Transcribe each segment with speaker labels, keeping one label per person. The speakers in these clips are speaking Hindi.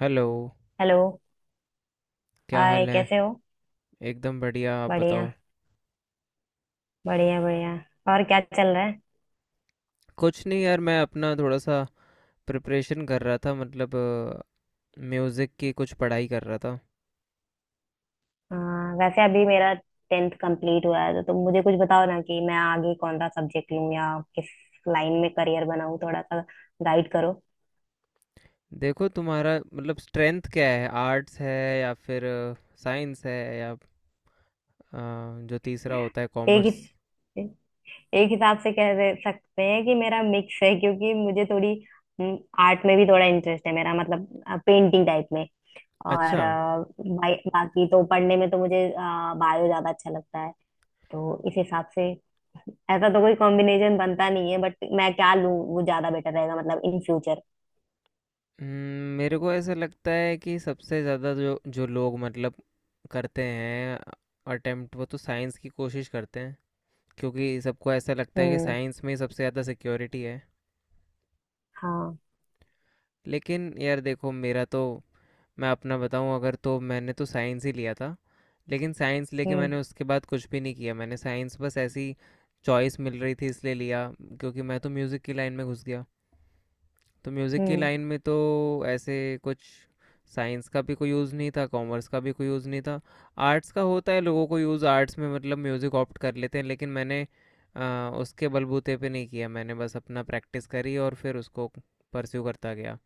Speaker 1: Hello,
Speaker 2: hello.
Speaker 1: क्या
Speaker 2: हाय,
Speaker 1: हाल है?
Speaker 2: कैसे हो?
Speaker 1: एकदम बढ़िया, आप
Speaker 2: बढ़िया
Speaker 1: बताओ?
Speaker 2: बढ़िया बढ़िया और क्या चल रहा है?
Speaker 1: कुछ नहीं यार। मैं अपना थोड़ा सा प्रिपरेशन कर रहा था, मतलब म्यूज़िक की कुछ पढ़ाई कर रहा था।
Speaker 2: हाँ, वैसे अभी मेरा टेंथ कंप्लीट हुआ है, तो तुम मुझे कुछ बताओ ना कि मैं आगे कौन सा सब्जेक्ट लूँ या किस लाइन में करियर बनाऊँ, थोड़ा सा गाइड करो।
Speaker 1: देखो, तुम्हारा मतलब स्ट्रेंथ क्या है? आर्ट्स है या फिर साइंस है या अ, जो तीसरा होता है,
Speaker 2: एक
Speaker 1: कॉमर्स?
Speaker 2: हिस- एक हिसाब से कह दे सकते हैं कि मेरा मिक्स है, क्योंकि मुझे थोड़ी आर्ट में भी थोड़ा इंटरेस्ट है, मेरा मतलब पेंटिंग टाइप में। और
Speaker 1: अच्छा।
Speaker 2: बाकी तो पढ़ने में तो मुझे बायो ज्यादा अच्छा लगता है। तो इस हिसाब से ऐसा तो कोई कॉम्बिनेशन बनता नहीं है, बट मैं क्या लूं वो ज्यादा बेटर रहेगा, मतलब इन फ्यूचर।
Speaker 1: मेरे को ऐसा लगता है कि सबसे ज़्यादा जो जो लोग करते हैं अटेम्प्ट, वो तो साइंस की कोशिश करते हैं, क्योंकि सबको ऐसा लगता है कि
Speaker 2: हम्म।
Speaker 1: साइंस में ही सबसे ज़्यादा सिक्योरिटी है।
Speaker 2: हाँ।
Speaker 1: लेकिन यार देखो, मेरा तो मैं अपना बताऊं अगर, तो मैंने तो साइंस ही लिया था। लेकिन साइंस लेके
Speaker 2: हम्म।
Speaker 1: मैंने उसके बाद कुछ भी नहीं किया। मैंने साइंस बस ऐसी, चॉइस मिल रही थी इसलिए लिया, क्योंकि मैं तो म्यूज़िक की लाइन में घुस गया। तो म्यूज़िक की
Speaker 2: हम्म।
Speaker 1: लाइन में तो ऐसे कुछ साइंस का भी कोई यूज़ नहीं था, कॉमर्स का भी कोई यूज़ नहीं था। आर्ट्स का होता है लोगों को यूज़, आर्ट्स में मतलब म्यूज़िक ऑप्ट कर लेते हैं। लेकिन मैंने उसके बलबूते पे नहीं किया। मैंने बस अपना प्रैक्टिस करी और फिर उसको परस्यू करता गया।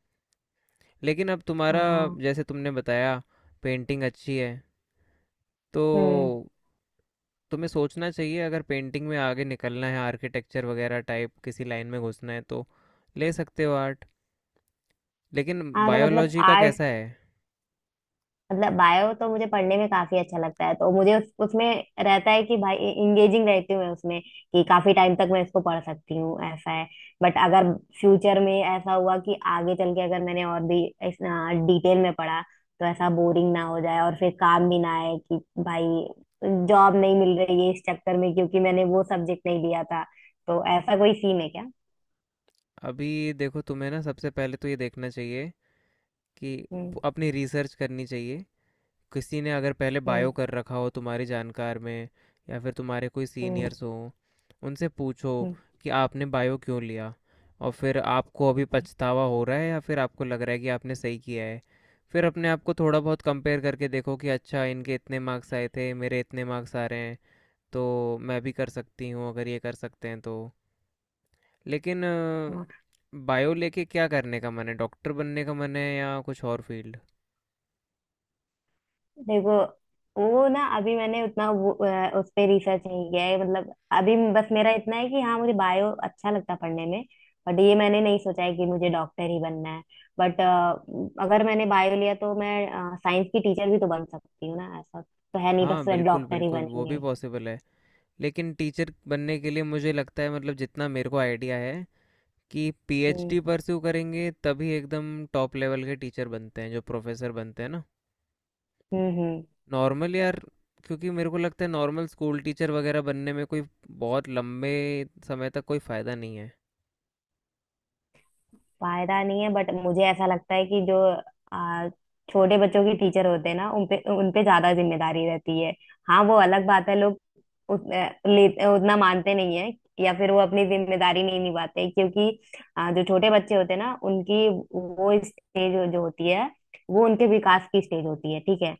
Speaker 1: लेकिन अब तुम्हारा,
Speaker 2: हाँ।
Speaker 1: जैसे तुमने बताया, पेंटिंग अच्छी है, तो
Speaker 2: हम्म।
Speaker 1: तुम्हें सोचना चाहिए अगर पेंटिंग में आगे निकलना है, आर्किटेक्चर वगैरह टाइप किसी लाइन में घुसना है, तो ले सकते हो आर्ट। लेकिन
Speaker 2: हाँ, तो मतलब
Speaker 1: बायोलॉजी का
Speaker 2: आर्ट
Speaker 1: कैसा है?
Speaker 2: मतलब बायो तो मुझे पढ़ने में काफी अच्छा लगता है, तो मुझे उसमें रहता है कि भाई इंगेजिंग रहती हूँ मैं उसमें, कि काफी टाइम तक मैं इसको पढ़ सकती हूँ, ऐसा है। बट अगर फ्यूचर में ऐसा हुआ कि आगे चल के अगर मैंने और भी इस डिटेल में पढ़ा, तो ऐसा बोरिंग ना हो जाए और फिर काम भी ना आए कि भाई जॉब नहीं मिल रही है, इस चक्कर में, क्योंकि मैंने वो सब्जेक्ट नहीं लिया था। तो ऐसा कोई सीन है क्या?
Speaker 1: अभी देखो, तुम्हें ना सबसे पहले तो ये देखना चाहिए कि
Speaker 2: हम्म।
Speaker 1: अपनी रिसर्च करनी चाहिए। किसी ने अगर पहले
Speaker 2: हम्म।
Speaker 1: बायो कर रखा हो तुम्हारी जानकार में, या फिर तुम्हारे कोई
Speaker 2: हम्म।
Speaker 1: सीनियर्स हो, उनसे पूछो कि आपने बायो क्यों लिया, और फिर आपको अभी पछतावा हो रहा है या फिर आपको लग रहा है कि आपने सही किया है। फिर अपने आप को थोड़ा बहुत कंपेयर करके देखो कि अच्छा, इनके इतने मार्क्स आए थे, मेरे इतने मार्क्स आ रहे हैं, तो मैं भी कर सकती हूँ अगर ये कर सकते हैं तो। लेकिन
Speaker 2: हम्म।
Speaker 1: बायो लेके क्या करने का मन है? डॉक्टर बनने का मन है या कुछ और फील्ड?
Speaker 2: देखो, वो ना अभी मैंने उतना उस पे रिसर्च नहीं किया है, मतलब अभी बस मेरा इतना है कि हाँ, मुझे बायो अच्छा लगता पढ़ने में। बट ये मैंने नहीं सोचा है कि मुझे डॉक्टर ही बनना है। बट अगर मैंने बायो लिया, तो मैं साइंस की टीचर भी तो बन सकती हूँ ना, ऐसा तो है नहीं बस
Speaker 1: हाँ, बिल्कुल
Speaker 2: डॉक्टर ही
Speaker 1: बिल्कुल, वो भी
Speaker 2: बनेंगे।
Speaker 1: पॉसिबल है। लेकिन टीचर बनने के लिए मुझे लगता है, मतलब जितना मेरे को आइडिया है, कि
Speaker 2: हम्म।
Speaker 1: पीएचडी परस्यू करेंगे तभी एकदम टॉप लेवल के टीचर बनते हैं, जो प्रोफेसर बनते हैं ना।
Speaker 2: हम्म। हम्म।
Speaker 1: नॉर्मल यार, क्योंकि मेरे को लगता है नॉर्मल स्कूल टीचर वगैरह बनने में कोई बहुत लंबे समय तक कोई फ़ायदा नहीं है।
Speaker 2: फायदा नहीं है, बट मुझे ऐसा लगता है कि जो आ, छोटे बच्चों के टीचर होते हैं ना, उन पे ज्यादा जिम्मेदारी रहती है। हाँ, वो अलग बात है लोग उत, अ, ले, उतना मानते नहीं है या फिर वो अपनी जिम्मेदारी नहीं निभाते, क्योंकि जो छोटे बच्चे होते हैं ना, उनकी वो स्टेज जो जो होती है, वो उनके विकास की स्टेज होती है, ठीक है?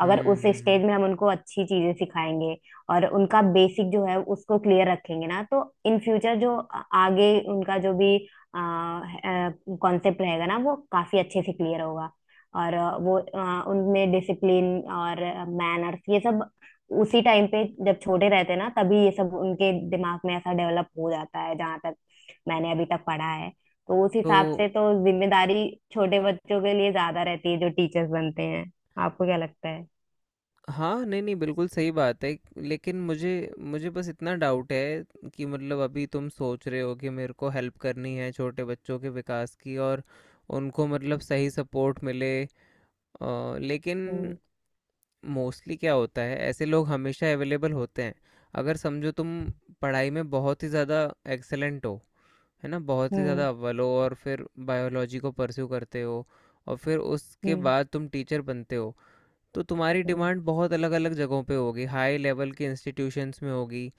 Speaker 2: अगर
Speaker 1: हम्म
Speaker 2: उस
Speaker 1: हम्म, हम्म।
Speaker 2: स्टेज में हम उनको अच्छी चीजें सिखाएंगे और उनका बेसिक जो है उसको क्लियर रखेंगे ना, तो इन फ्यूचर जो आगे उनका जो भी कॉन्सेप्ट रहेगा ना, वो काफी अच्छे से क्लियर होगा। और उनमें डिसिप्लिन और मैनर्स, ये सब उसी टाइम पे जब छोटे रहते हैं ना, तभी ये सब उनके दिमाग में ऐसा डेवलप हो जाता है, जहां तक मैंने अभी तक पढ़ा है। तो उस
Speaker 1: तो
Speaker 2: हिसाब से तो जिम्मेदारी छोटे बच्चों के लिए ज्यादा रहती है जो टीचर्स बनते हैं। आपको क्या लगता है?
Speaker 1: हाँ, नहीं, नहीं, बिल्कुल सही बात है। लेकिन मुझे मुझे बस इतना डाउट है कि मतलब अभी तुम सोच रहे हो कि मेरे को हेल्प करनी है छोटे बच्चों के विकास की, और उनको मतलब सही सपोर्ट मिले। लेकिन
Speaker 2: हम्म।
Speaker 1: मोस्टली क्या होता है, ऐसे लोग हमेशा अवेलेबल होते हैं। अगर समझो, तुम पढ़ाई में बहुत ही ज़्यादा एक्सीलेंट हो, है ना? बहुत ही
Speaker 2: हम्म।
Speaker 1: ज़्यादा अव्वल हो, और फिर बायोलॉजी को परस्यू करते हो, और फिर उसके
Speaker 2: हम्म।
Speaker 1: बाद तुम टीचर बनते हो। तो तुम्हारी
Speaker 2: हम्म।
Speaker 1: डिमांड बहुत अलग अलग जगहों पे होगी, हाई लेवल के इंस्टीट्यूशंस में होगी,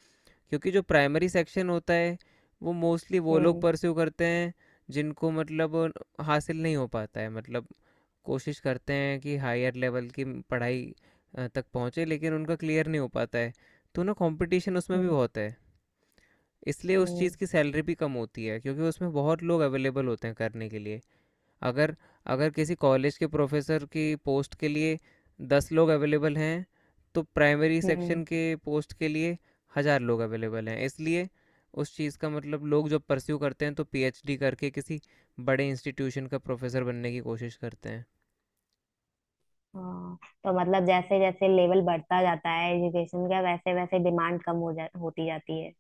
Speaker 1: क्योंकि जो प्राइमरी सेक्शन होता है वो मोस्टली वो लोग
Speaker 2: हम्म।
Speaker 1: परस्यू करते हैं जिनको मतलब हासिल नहीं हो पाता है, मतलब कोशिश करते हैं कि हायर लेवल की पढ़ाई तक पहुँचे, लेकिन उनका क्लियर नहीं हो पाता है। तो ना, कंपटीशन उसमें भी
Speaker 2: हम्म।
Speaker 1: बहुत है, इसलिए उस
Speaker 2: हम्म।
Speaker 1: चीज़ की सैलरी भी कम होती है, क्योंकि उसमें बहुत लोग अवेलेबल होते हैं करने के लिए। अगर अगर किसी कॉलेज के प्रोफेसर की पोस्ट के लिए 10 लोग अवेलेबल हैं, तो प्राइमरी
Speaker 2: हम्म।
Speaker 1: सेक्शन के पोस्ट के लिए 1,000 लोग अवेलेबल हैं। इसलिए उस चीज़ का मतलब लोग जब परस्यू करते हैं तो पीएचडी करके किसी बड़े इंस्टीट्यूशन का प्रोफेसर बनने की कोशिश करते हैं।
Speaker 2: हाँ, तो मतलब जैसे जैसे लेवल बढ़ता जाता है एजुकेशन का, वैसे वैसे डिमांड कम हो जा होती जाती है।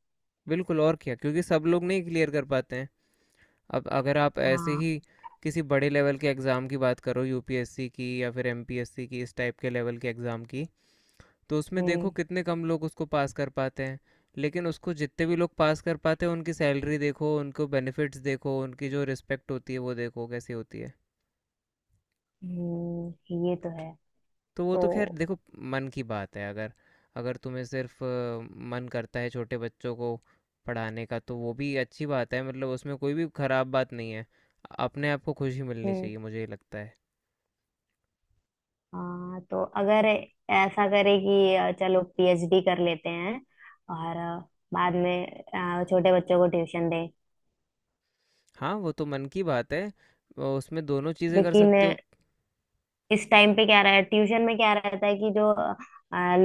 Speaker 1: बिल्कुल, और क्या, क्योंकि सब लोग नहीं क्लियर कर पाते हैं। अब अगर आप ऐसे ही
Speaker 2: हाँ।
Speaker 1: किसी बड़े लेवल के एग्ज़ाम की बात करो, यूपीएससी की या फिर एमपीएससी की, इस टाइप के लेवल के एग्ज़ाम की, तो उसमें देखो
Speaker 2: हम्म।
Speaker 1: कितने कम लोग उसको पास कर पाते हैं। लेकिन उसको जितने भी लोग पास कर पाते हैं, उनकी सैलरी देखो, उनको बेनिफिट्स देखो, उनकी जो रिस्पेक्ट होती है वो देखो कैसी होती है।
Speaker 2: ये तो है।
Speaker 1: तो वो तो खैर
Speaker 2: तो
Speaker 1: देखो मन की बात है। अगर अगर तुम्हें सिर्फ मन करता है छोटे बच्चों को पढ़ाने का, तो वो भी अच्छी बात है, मतलब उसमें कोई भी खराब बात नहीं है। अपने आप को खुशी मिलनी
Speaker 2: हम्म।
Speaker 1: चाहिए, मुझे ये लगता है।
Speaker 2: हाँ, तो अगर ऐसा करे कि चलो पीएचडी कर लेते हैं और बाद में छोटे बच्चों को ट्यूशन दें।
Speaker 1: हाँ, वो तो मन की बात है, उसमें दोनों चीज़ें कर
Speaker 2: लेकिन
Speaker 1: सकते हो।
Speaker 2: इस टाइम पे क्या रहा है, ट्यूशन में क्या रहता है, कि जो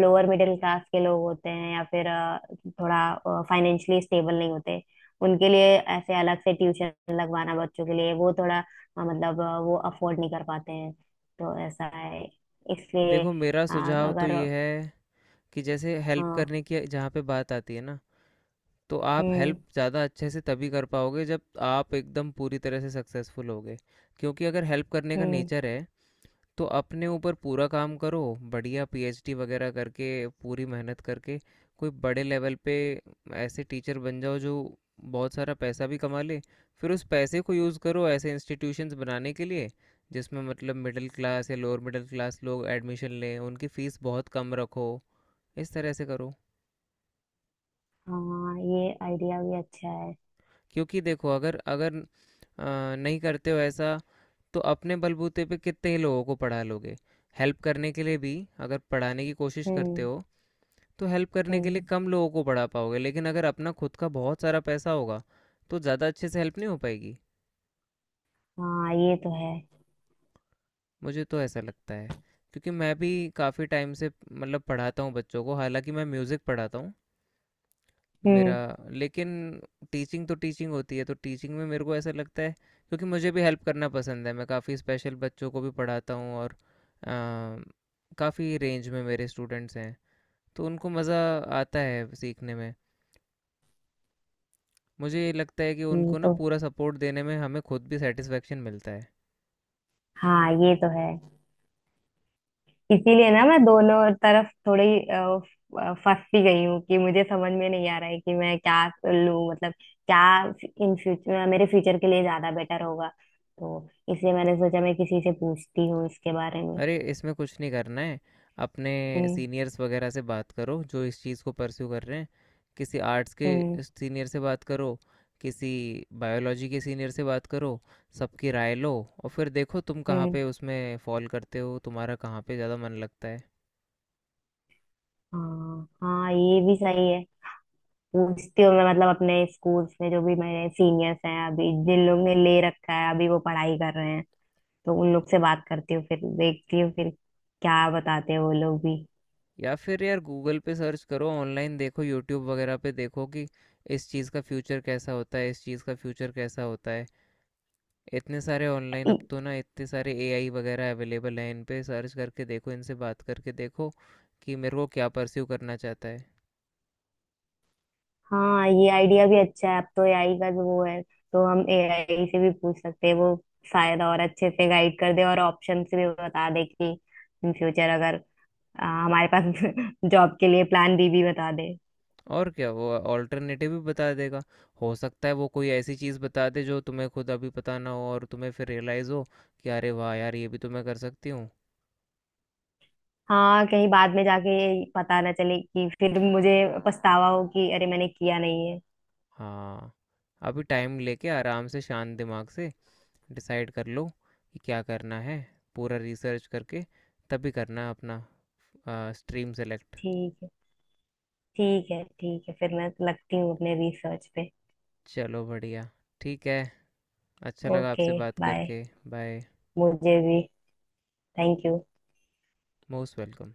Speaker 2: लोअर मिडिल क्लास के लोग होते हैं या फिर थोड़ा फाइनेंशियली स्टेबल नहीं होते, उनके लिए ऐसे अलग से ट्यूशन लगवाना बच्चों के लिए वो थोड़ा मतलब वो अफोर्ड नहीं कर पाते हैं, तो ऐसा है। इसलिए
Speaker 1: देखो, मेरा
Speaker 2: अ,
Speaker 1: सुझाव तो
Speaker 2: अगर
Speaker 1: ये है कि जैसे हेल्प
Speaker 2: हाँ।
Speaker 1: करने की जहाँ पे बात आती है ना, तो आप
Speaker 2: हम्म।
Speaker 1: हेल्प ज़्यादा अच्छे से तभी कर पाओगे जब आप एकदम पूरी तरह से सक्सेसफुल होगे, क्योंकि अगर हेल्प करने का
Speaker 2: हम्म।
Speaker 1: नेचर है, तो अपने ऊपर पूरा काम करो, बढ़िया पीएचडी वगैरह करके, पूरी मेहनत करके, कोई बड़े लेवल पे ऐसे टीचर बन जाओ जो बहुत सारा पैसा भी कमा ले, फिर उस पैसे को यूज़ करो ऐसे इंस्टीट्यूशंस बनाने के लिए जिसमें मतलब मिडिल क्लास या लोअर मिडिल क्लास लोग एडमिशन लें, उनकी फ़ीस बहुत कम रखो, इस तरह से करो।
Speaker 2: हाँ, ये आइडिया भी अच्छा है।
Speaker 1: क्योंकि देखो, अगर अगर अ, नहीं करते हो ऐसा, तो अपने बलबूते पे कितने ही लोगों को पढ़ा लोगे। हेल्प करने के लिए भी अगर पढ़ाने की कोशिश करते
Speaker 2: हम्म।
Speaker 1: हो, तो हेल्प करने के लिए
Speaker 2: हम्म।
Speaker 1: कम लोगों को पढ़ा पाओगे, लेकिन अगर अपना खुद का बहुत सारा पैसा होगा तो ज़्यादा अच्छे से हेल्प नहीं हो पाएगी।
Speaker 2: हाँ, ये तो है।
Speaker 1: मुझे तो ऐसा लगता है, क्योंकि मैं भी काफ़ी टाइम से मतलब पढ़ाता हूँ बच्चों को, हालांकि मैं म्यूज़िक पढ़ाता हूँ। मेरा
Speaker 2: हम्म।
Speaker 1: लेकिन टीचिंग तो टीचिंग होती है, तो टीचिंग में मेरे को ऐसा लगता है, क्योंकि मुझे भी हेल्प करना पसंद है। मैं काफ़ी स्पेशल बच्चों को भी पढ़ाता हूँ, और काफ़ी रेंज में मेरे स्टूडेंट्स हैं, तो उनको मज़ा आता है सीखने में। मुझे ये लगता है कि
Speaker 2: ये
Speaker 1: उनको ना
Speaker 2: तो
Speaker 1: पूरा सपोर्ट देने में हमें खुद भी सेटिस्फेक्शन मिलता है।
Speaker 2: हाँ, ये तो है। इसीलिए ना मैं दोनों तरफ थोड़ी फंसी गई हूँ कि मुझे समझ में नहीं आ रहा है कि मैं क्या लूँ, मतलब क्या इन फ्यूचर मेरे फ्यूचर के लिए ज्यादा बेटर होगा, तो इसलिए मैंने सोचा मैं किसी से पूछती हूँ इसके बारे में।
Speaker 1: अरे, इसमें कुछ नहीं करना है। अपने
Speaker 2: हम्म।
Speaker 1: सीनियर्स वगैरह से बात करो जो इस चीज़ को परस्यू कर रहे हैं, किसी आर्ट्स के
Speaker 2: हम्म।
Speaker 1: सीनियर से बात करो, किसी बायोलॉजी के सीनियर से बात करो, सबकी राय लो, और फिर देखो तुम कहाँ
Speaker 2: हम्म।
Speaker 1: पे उसमें फॉल करते हो, तुम्हारा कहाँ पे ज़्यादा मन लगता है।
Speaker 2: हाँ, हाँ, ये भी सही है। पूछती हूँ मैं, मतलब अपने स्कूल्स में जो भी मेरे सीनियर्स हैं अभी, जिन लोग ने ले रखा है अभी वो पढ़ाई कर रहे हैं, तो उन लोग से बात करती हूँ, फिर देखती हूँ फिर क्या बताते हैं वो लोग भी।
Speaker 1: या फिर यार गूगल पे सर्च करो, ऑनलाइन देखो, यूट्यूब वगैरह पे देखो कि इस चीज़ का फ्यूचर कैसा होता है, इस चीज़ का फ्यूचर कैसा होता है। इतने सारे ऑनलाइन अब
Speaker 2: ई-
Speaker 1: तो ना, इतने सारे एआई वगैरह अवेलेबल हैं, इन पे सर्च करके देखो, इनसे बात करके देखो कि मेरे को क्या परस्यू करना चाहता है।
Speaker 2: हाँ, ये आइडिया भी अच्छा है। अब तो एआई का जो वो है, तो हम एआई से भी पूछ सकते हैं, वो शायद और अच्छे से गाइड कर दे और ऑप्शन भी बता दे कि इन फ्यूचर अगर हमारे पास जॉब के लिए प्लान बी भी बता दे।
Speaker 1: और क्या, वो ऑल्टरनेटिव भी बता देगा। हो सकता है वो कोई ऐसी चीज़ बता दे जो तुम्हें खुद अभी पता ना हो, और तुम्हें फिर रियलाइज़ हो कि अरे वाह यार, ये भी तो मैं कर सकती हूँ।
Speaker 2: हाँ, कहीं बाद में जाके ये पता ना चले कि फिर मुझे पछतावा हो कि अरे मैंने किया नहीं है।
Speaker 1: हाँ, अभी टाइम लेके आराम से शांत दिमाग से डिसाइड कर लो कि क्या करना है, पूरा रिसर्च करके तभी करना अपना स्ट्रीम सेलेक्ट।
Speaker 2: ठीक है। ठीक है, ठीक है, फिर मैं लगती हूँ अपने रिसर्च पे।
Speaker 1: चलो बढ़िया, ठीक है। अच्छा लगा
Speaker 2: ओके,
Speaker 1: आपसे बात
Speaker 2: बाय।
Speaker 1: करके। बाय।
Speaker 2: मुझे भी, थैंक यू।
Speaker 1: Most welcome.